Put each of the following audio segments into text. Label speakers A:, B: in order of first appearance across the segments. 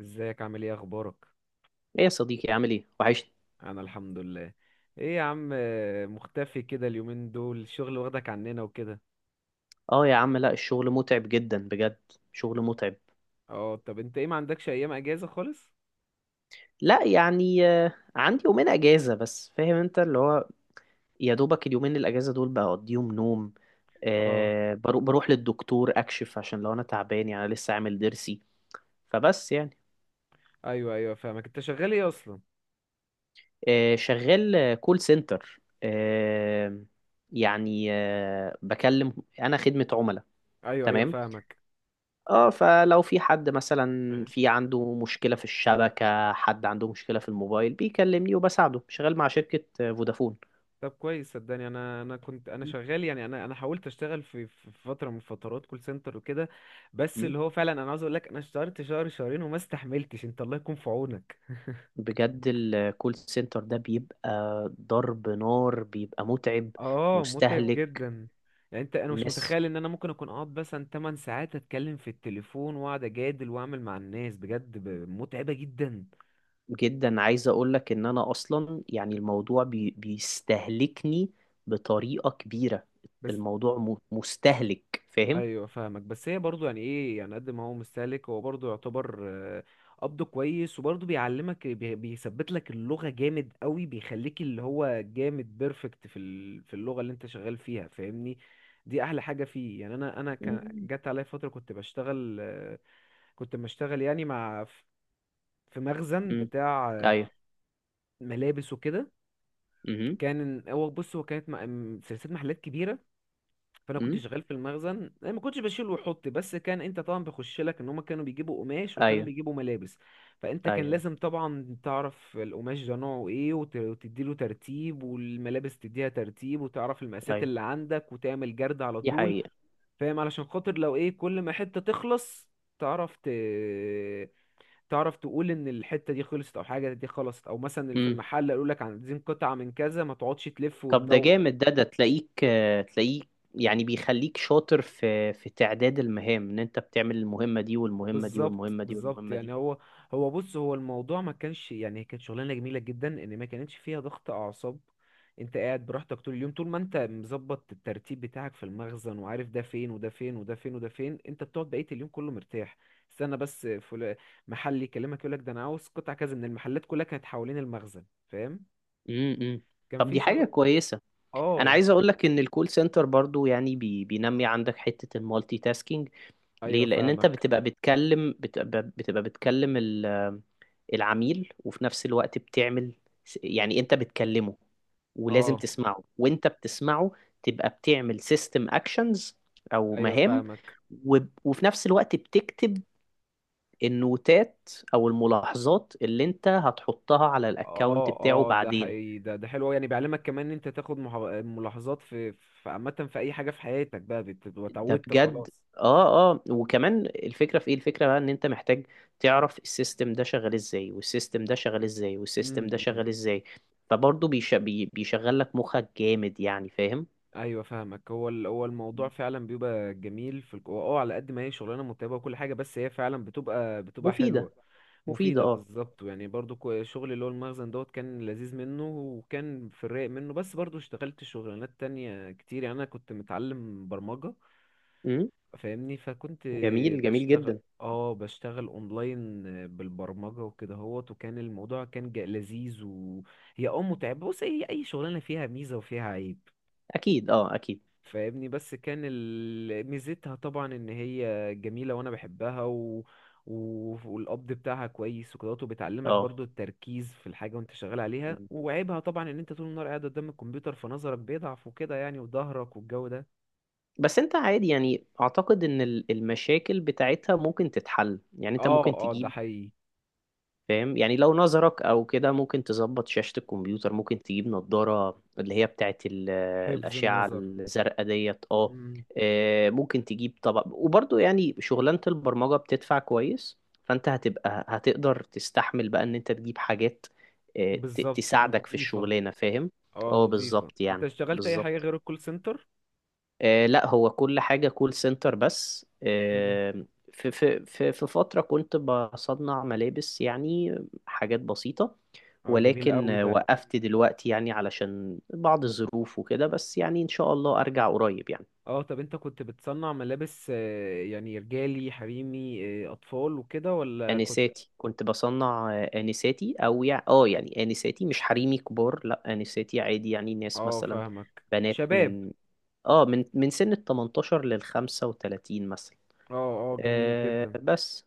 A: ازيك، عامل ايه، اخبارك؟
B: ايه يا صديقي، عامل ايه؟ وحشني.
A: انا الحمد لله. ايه يا عم، مختفي كده اليومين دول، الشغل واخدك عننا وكده.
B: اه يا عم، لا الشغل متعب جدا بجد. شغل متعب.
A: اه، طب انت ايه ما عندكش ايام اجازة خالص؟
B: لا، يعني عندي يومين اجازة، بس فاهم انت اللي هو. يا دوبك اليومين الاجازة دول بقضيهم نوم.
A: اه،
B: بروح للدكتور اكشف، عشان لو انا تعبان، يعني أنا لسه عامل ضرسي. فبس يعني.
A: ايوه، ايوه، فاهمك. انت شغال ايه اصلا؟
B: شغال، كول سنتر. يعني بكلم. انا خدمة عملاء.
A: ايوه، ايوه،
B: تمام.
A: فاهمك.
B: اه، فلو في حد مثلا،
A: آه.
B: في عنده مشكلة في الشبكة، حد عنده مشكلة في الموبايل، بيكلمني وبساعده. شغال مع شركة فودافون.
A: طب كويس، صدقني انا كنت انا شغال، يعني انا حاولت اشتغل في فتره من فترات كول سنتر وكده. بس
B: مم.
A: اللي هو فعلا انا عاوز اقول لك، انا اشتغلت شهر شهرين وما استحملتش. انت الله يكون في عونك.
B: بجد الكول سنتر ده بيبقى ضرب نار، بيبقى متعب،
A: اه، متعب
B: مستهلك
A: جدا. يعني انت، انا مش
B: ناس
A: متخيل ان انا ممكن اكون اقعد مثلا 8 ساعات اتكلم في التليفون واقعد اجادل واعمل مع الناس، بجد متعبة جدا.
B: جدا. عايز اقولك ان انا اصلا يعني الموضوع بيستهلكني بطريقة كبيرة.
A: بس،
B: الموضوع مستهلك، فاهم؟
A: ايوه فاهمك. بس هي برضو يعني ايه؟ يعني قد ما هو مستهلك، هو برضو يعتبر قبضه كويس، وبرضو بيعلمك، بيثبت لك اللغة جامد قوي. بيخليك اللي هو جامد بيرفكت في في اللغة اللي انت شغال فيها، فاهمني. دي احلى حاجة فيه. يعني انا كان
B: مم.
A: جت عليا فترة كنت بشتغل كنت بشتغل يعني مع، في مخزن
B: امم.
A: بتاع
B: ايوه.
A: ملابس وكده.
B: امم.
A: كان هو بص، هو كانت سلسله محلات كبيره. فانا كنت شغال في المخزن، أنا ما كنتش بشيل وحط، بس كان انت طبعا بخش لك ان هم كانوا بيجيبوا قماش وكانوا
B: ايوه،
A: بيجيبوا ملابس. فانت كان
B: ايوه،
A: لازم طبعا تعرف القماش ده نوعه ايه، وتديله ترتيب، والملابس تديها ترتيب، وتعرف المقاسات
B: ايوه،
A: اللي عندك، وتعمل جرد على
B: دي
A: طول.
B: حقيقة.
A: فاهم، علشان خاطر لو ايه كل ما حته تخلص، تعرف ت... تعرف تقول ان الحته دي خلصت او حاجه دي خلصت، او مثلا في
B: امم.
A: المحل قالوا لك عايزين قطعه من كذا، ما تقعدش تلف
B: طب ده
A: وتدور.
B: جامد، ده تلاقيك يعني بيخليك شاطر في تعداد المهام، ان انت بتعمل المهمة دي والمهمة دي
A: بالظبط،
B: والمهمة دي
A: بالظبط،
B: والمهمة
A: يعني
B: دي.
A: هو، هو بص، هو الموضوع ما كانش يعني، كانت شغلانه جميله جدا ان ما كانتش فيها ضغط اعصاب. انت قاعد براحتك طول اليوم. طول ما انت مظبط الترتيب بتاعك في المخزن وعارف ده فين وده فين وده فين وده فين، انت بتقعد بقيه اليوم كله مرتاح. استنى بس محل يكلمك يقول لك ده انا عاوز قطع كذا، من المحلات كلها كانت حوالين المخزن. فاهم.
B: امم.
A: كان
B: طب
A: في
B: دي
A: شخص.
B: حاجة كويسة. انا
A: اه،
B: عايز اقول لك ان الكول سنتر برضو يعني بينمي عندك حتة المالتي تاسكينج. ليه؟
A: ايوه
B: لان انت
A: فاهمك.
B: بتبقى بتكلم، بتبقى بتكلم العميل، وفي نفس الوقت بتعمل يعني انت بتكلمه ولازم
A: اه،
B: تسمعه، وانت بتسمعه تبقى بتعمل سيستم اكشنز او
A: ايوه
B: مهام،
A: فاهمك.
B: و- وفي نفس الوقت بتكتب النوتات او الملاحظات اللي انت هتحطها على الاكونت
A: اه،
B: بتاعه
A: اه، ده
B: بعدين.
A: حقيقي. ده حلو أوي. يعني بيعلمك كمان ان انت تاخد ملاحظات في عامه، في اي حاجه في حياتك بقى، بتبقى
B: ده
A: اتعودت
B: بجد.
A: خلاص.
B: اه، اه، وكمان الفكره في ايه؟ الفكره بقى ان انت محتاج تعرف السيستم ده شغال ازاي والسيستم ده شغال ازاي والسيستم ده
A: امم،
B: شغال ازاي. فبرضه بيشغل لك مخك جامد، يعني فاهم.
A: ايوه فاهمك. هو هو الموضوع فعلا بيبقى جميل في هو، اه، على قد ما هي شغلانه متعبه وكل حاجه، بس هي فعلا بتبقى
B: مفيده.
A: حلوه.
B: مفيده،
A: مفيده،
B: اه.
A: بالظبط. يعني برضو شغل اللي هو المخزن دوت كان لذيذ منه، وكان في الرايق منه. بس برضو اشتغلت شغلانات تانية كتير. يعني انا كنت متعلم برمجه،
B: امم.
A: فاهمني. فكنت
B: جميل، جميل
A: بشتغل
B: جدا.
A: اه بشتغل اونلاين بالبرمجة وكده هوت. وكان الموضوع كان لذيذ. وهي متعبة. بص، هي اي شغلانة فيها ميزة وفيها عيب،
B: اكيد، اه، اكيد.
A: فاهمني. بس كان ميزتها طبعا ان هي جميلة وانا بحبها و... والقبض بتاعها كويس وكده، وبتعلمك
B: اه.
A: برضو التركيز في الحاجة وانت شغال عليها.
B: مم.
A: وعيبها طبعا ان انت طول النهار قاعد قدام الكمبيوتر فنظرك بيضعف وكده يعني، وظهرك والجو ده.
B: بس انت عادي، يعني اعتقد ان المشاكل بتاعتها ممكن تتحل، يعني انت ممكن
A: اه، اه، ده
B: تجيب.
A: حقيقي.
B: فاهم؟ يعني لو نظرك او كده، ممكن تظبط شاشة الكمبيوتر، ممكن تجيب نظارة اللي هي بتاعت
A: حفظ
B: الأشعة
A: النظر.
B: الزرقاء ديت، اه. ممكن تجيب طبعا، وبرضه يعني شغلانة البرمجة بتدفع كويس، فانت هتقدر تستحمل بقى ان انت تجيب حاجات
A: بالظبط،
B: تساعدك في
A: نظيفة
B: الشغلانة، فاهم.
A: اه
B: اه،
A: نظيفة
B: بالظبط،
A: انت
B: يعني
A: اشتغلت اي حاجة
B: بالظبط.
A: غير الكول سنتر؟
B: لا، هو كل حاجة كول سنتر، بس
A: مم.
B: في فترة كنت بصنع ملابس، يعني حاجات بسيطة.
A: اه، جميل
B: ولكن
A: قوي ده.
B: وقفت دلوقتي، يعني علشان بعض الظروف وكده، بس يعني إن شاء الله أرجع قريب، يعني.
A: اه، طب انت كنت بتصنع ملابس، يعني رجالي حريمي، اطفال وكده، ولا كنت؟
B: آنساتي كنت بصنع، آنساتي، أو يعني يعني آنساتي مش حريمي كبار، لأ آنساتي عادي، يعني ناس
A: اه،
B: مثلا
A: فاهمك،
B: بنات
A: شباب.
B: من من سن ال 18 لل 35 مثلا.
A: اه، اه، جميل جدا.
B: بس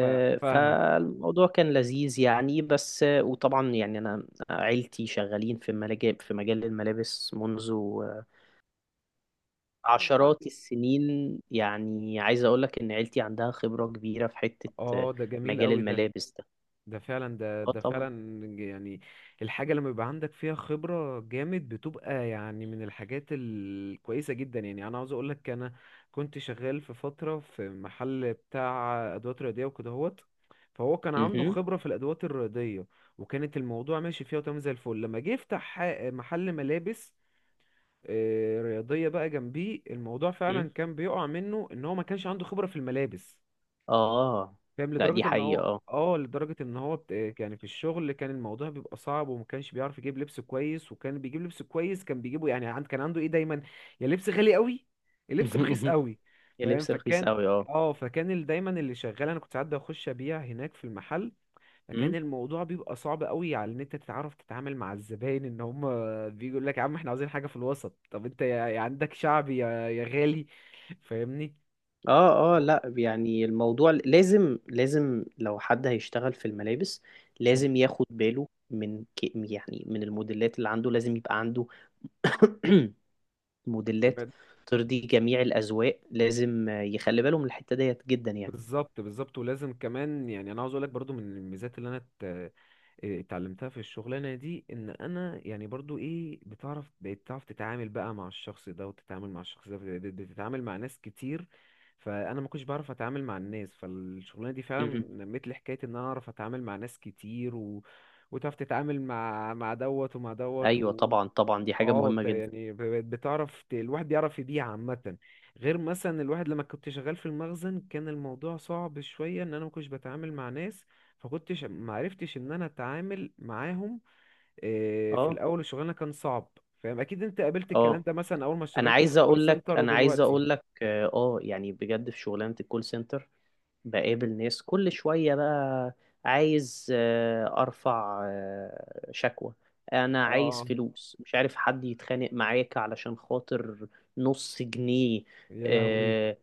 A: فاهمك.
B: فالموضوع كان لذيذ، يعني بس وطبعا يعني انا عيلتي شغالين في ملاجئ في مجال الملابس، منذ عشرات السنين. يعني عايز اقول لك ان عيلتي عندها خبرة كبيرة في حتة
A: اه، ده جميل
B: مجال
A: قوي ده.
B: الملابس ده.
A: ده فعلا، ده
B: اه
A: ده
B: طبعا.
A: فعلا، يعني الحاجة لما يبقى عندك فيها خبرة جامد بتبقى يعني من الحاجات الكويسة جدا. يعني أنا عاوز أقولك، أنا كنت شغال في فترة في محل بتاع أدوات رياضية وكده هوت. فهو كان عنده
B: مهم.
A: خبرة في الأدوات الرياضية، وكانت الموضوع ماشي فيها وتمام زي الفل. لما جه يفتح محل ملابس رياضية بقى جنبيه، الموضوع
B: مم.
A: فعلا كان بيقع منه إن هو ما كانش عنده خبرة في الملابس،
B: اه.
A: فاهم.
B: لا، دي
A: لدرجة ان هو
B: حقيقة، اه.
A: اه لدرجة ان هو يعني في الشغل كان الموضوع بيبقى صعب، وما كانش بيعرف يجيب لبس كويس. وكان بيجيب لبس كويس، كان بيجيبه يعني كان عنده ايه دايما، يا لبس غالي قوي، يا لبس رخيص قوي،
B: يا
A: فاهم.
B: لبس رخيص
A: فكان
B: قوي، اه.
A: اه فكان دايما اللي شغال، انا كنت ساعات بخش ابيع هناك في المحل. فكان
B: مم.
A: الموضوع بيبقى صعب قوي على ان انت تتعرف تتعامل مع الزباين، ان هم بيجوا لك يا عم احنا عاوزين حاجة في الوسط. طب انت يا عندك شعبي، يا غالي، فاهمني.
B: اه، اه،
A: هو،
B: لا يعني الموضوع لازم، لازم لو حد هيشتغل في الملابس لازم ياخد باله من يعني من الموديلات اللي عنده، لازم يبقى عنده موديلات
A: مم.
B: ترضي جميع الأذواق، لازم يخلي باله من الحتة ديت جدا،
A: بالظبط، بالظبط، ولازم كمان. يعني انا عاوز اقول لك برضو من الميزات اللي انا اتعلمتها في الشغلانه دي، ان انا يعني برضو ايه، بتعرف تتعامل بقى مع الشخص ده، وتتعامل مع الشخص ده، بتتعامل مع ناس كتير. فانا ما كنتش بعرف اتعامل مع الناس. فالشغلانه دي فعلا
B: يعني.
A: نمت لي حكايه ان انا اعرف اتعامل مع ناس كتير وتعرف تتعامل مع دوت ومع دوت.
B: ايوه طبعا، طبعا دي حاجه
A: اه،
B: مهمه جدا.
A: يعني بقت بتعرف الواحد بيعرف يبيع عامة. غير مثلا الواحد لما كنت شغال في المخزن كان الموضوع صعب شوية، ان انا ما كنتش بتعامل مع ناس، فكنتش ما عرفتش ان انا اتعامل معاهم. في
B: اه،
A: الاول الشغلانة كان صعب، فاهم. اكيد انت قابلت الكلام
B: اه،
A: ده مثلا اول ما
B: انا
A: اشتغلت في
B: عايز
A: الكول
B: اقول لك
A: سنتر
B: انا عايز
A: ودلوقتي.
B: اقول لك اه، يعني بجد في شغلانه الكول سنتر بقابل ناس كل شويه بقى. عايز ارفع شكوى، انا عايز
A: اه،
B: فلوس، مش عارف حد يتخانق معاك علشان خاطر نص جنيه.
A: يا لهوي.
B: آه،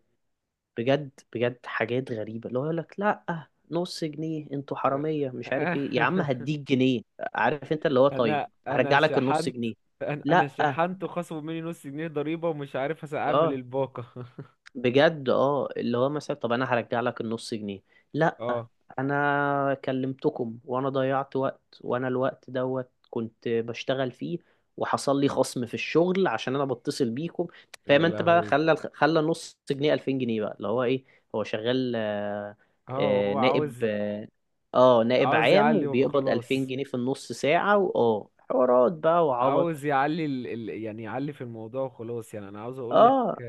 B: بجد، بجد حاجات غريبة، اللي هو يقول لك لا نص جنيه، انتوا حرامية مش عارف ايه، يا عم هديك جنيه. عارف انت، اللي هو طيب
A: انا
B: هرجع لك النص
A: شحنت،
B: جنيه.
A: انا
B: لا.
A: شحنت وخصموا مني نص جنيه ضريبة ومش عارف اعمل
B: اه،
A: الباقة.
B: بجد، اه، اللي هو مثلا طب انا هرجع لك النص جنيه. لا،
A: اه،
B: انا كلمتكم وانا ضيعت وقت، وانا الوقت دوت كنت بشتغل فيه، وحصل لي خصم في الشغل عشان انا بتصل بيكم.
A: يا
B: فاهم انت بقى،
A: لهوي.
B: خلى نص جنيه 2000 جنيه بقى، اللي هو ايه. هو شغال،
A: اه، هو
B: نائب،
A: عاوز
B: اه، نائب
A: عاوز
B: عام،
A: يعلي
B: وبيقبض 2000
A: وخلاص.
B: جنيه في النص ساعة، واه حوارات بقى وعبط.
A: عاوز يعلي يعني يعلي في الموضوع وخلاص. يعني انا عاوز اقول لك،
B: اه.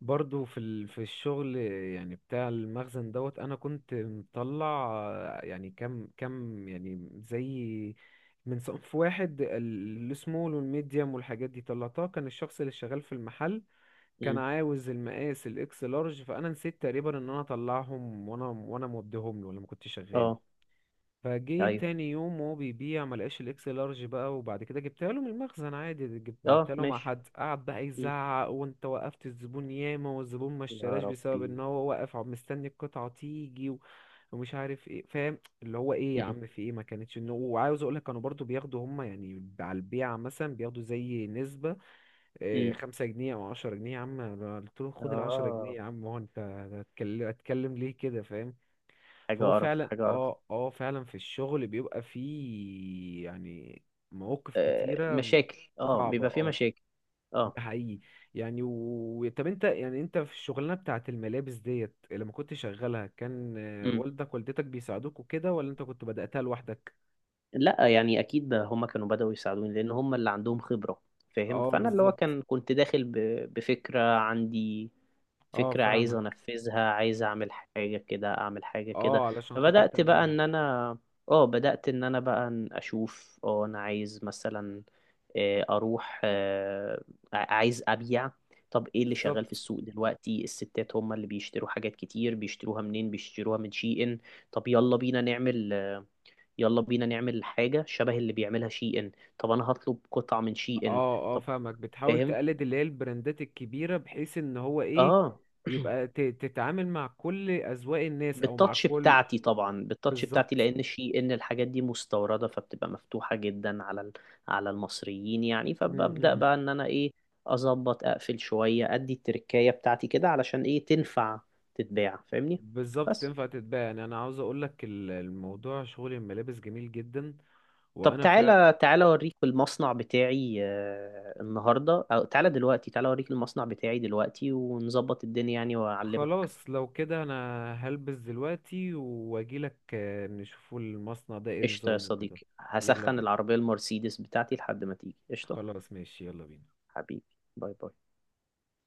A: برضو في في الشغل يعني بتاع المخزن دوت، انا كنت مطلع يعني كم كم، يعني زي، من صنف واحد السمول والميديم والحاجات دي طلعتها. كان الشخص اللي شغال في المحل كان
B: أمم.
A: عاوز المقاس الاكس لارج. فانا نسيت تقريبا ان انا اطلعهم، وانا موديهم له لما كنت شغال.
B: اه.
A: فجه
B: ايوه.
A: تاني يوم وهو بيبيع ملقاش الاكس لارج بقى. وبعد كده جبتها له من المخزن عادي،
B: اه،
A: بعتها له مع
B: ماشي.
A: حد. قعد بقى
B: أمم.
A: يزعق، وانت وقفت الزبون ياما والزبون ما
B: يا
A: اشتراش بسبب
B: ربي.
A: ان هو واقف مستني القطعة تيجي ومش عارف ايه، فاهم اللي هو ايه، يا
B: مم.
A: عم في ايه، ما كانتش انه. وعاوز اقول لك، كانوا برضو بياخدوا هم يعني على البيعة مثلا بياخدوا زي نسبة إيه،
B: مم.
A: 5 جنيه او 10 جنيه. يا عم أنا قلت له خد العشرة جنيه.
B: اه.
A: يا عم هو، انت هتكلم ليه كده، فاهم؟
B: حاجة
A: فهو
B: قرف،
A: فعلا.
B: حاجة قرف.
A: اه، اه، فعلا في الشغل بيبقى فيه يعني مواقف كتيرة
B: مشاكل، اه،
A: صعبة.
B: بيبقى في
A: اه،
B: مشاكل. اه.
A: ده حقيقي. يعني طب انت، يعني انت في الشغلانة بتاعت الملابس ديت لما كنت شغالها، كان،
B: مم.
A: والدك والدتك بيساعدوك وكده، ولا انت كنت بدأتها لوحدك؟
B: لا، يعني اكيد هم كانوا بدأوا يساعدوني، لان هم اللي عندهم خبرة. فاهم.
A: اه،
B: فانا اللي هو
A: بالظبط.
B: كنت داخل بفكرة عندي،
A: اه،
B: فكرة عايز
A: فاهمك.
B: انفذها، عايز اعمل حاجة كده، اعمل حاجة كده.
A: اه، علشان خاطر
B: فبدأت بقى
A: تعملها.
B: ان انا، اه بدأت ان انا بقى اشوف، اه انا عايز مثلا اروح، عايز ابيع. طب ايه اللي شغال في
A: بالظبط.
B: السوق دلوقتي؟ الستات هم اللي بيشتروا حاجات كتير، بيشتروها منين؟ بيشتروها من شي ان. طب يلا بينا نعمل حاجة شبه اللي بيعملها شي ان. طب انا هطلب قطعة من شي ان.
A: اه، اه،
B: طب،
A: فاهمك. بتحاول
B: فاهم،
A: تقلد اللي هي البراندات الكبيرة، بحيث ان هو ايه،
B: اه.
A: يبقى تتعامل مع كل اذواق الناس، او مع
B: بالتاتش
A: كل،
B: بتاعتي طبعا، بالتاتش بتاعتي،
A: بالظبط.
B: لان شي ان الحاجات دي مستورده، فبتبقى مفتوحه جدا على على المصريين يعني،
A: م-
B: فببدا
A: م.
B: بقى ان انا ايه، اظبط اقفل شويه ادي التركايه بتاعتي كده، علشان ايه تنفع تتباع، فاهمني.
A: بالظبط،
B: بس
A: تنفع تتباع. يعني انا عاوز اقولك الموضوع شغل الملابس جميل جدا.
B: طب،
A: وانا
B: تعالى تعالى اوريك المصنع بتاعي، النهارده او تعالى دلوقتي، تعالى اوريك المصنع بتاعي دلوقتي، ونظبط الدنيا يعني واعلمك.
A: خلاص، لو كده انا هلبس دلوقتي واجيلك، نشوفوا المصنع ده ايه
B: قشطه يا
A: نظامه وكده.
B: صديقي،
A: يلا
B: هسخن
A: بينا.
B: العربيه المرسيدس بتاعتي لحد ما تيجي. قشطه.
A: خلاص ماشي. يلا بينا.
B: حبيبي. باي باي.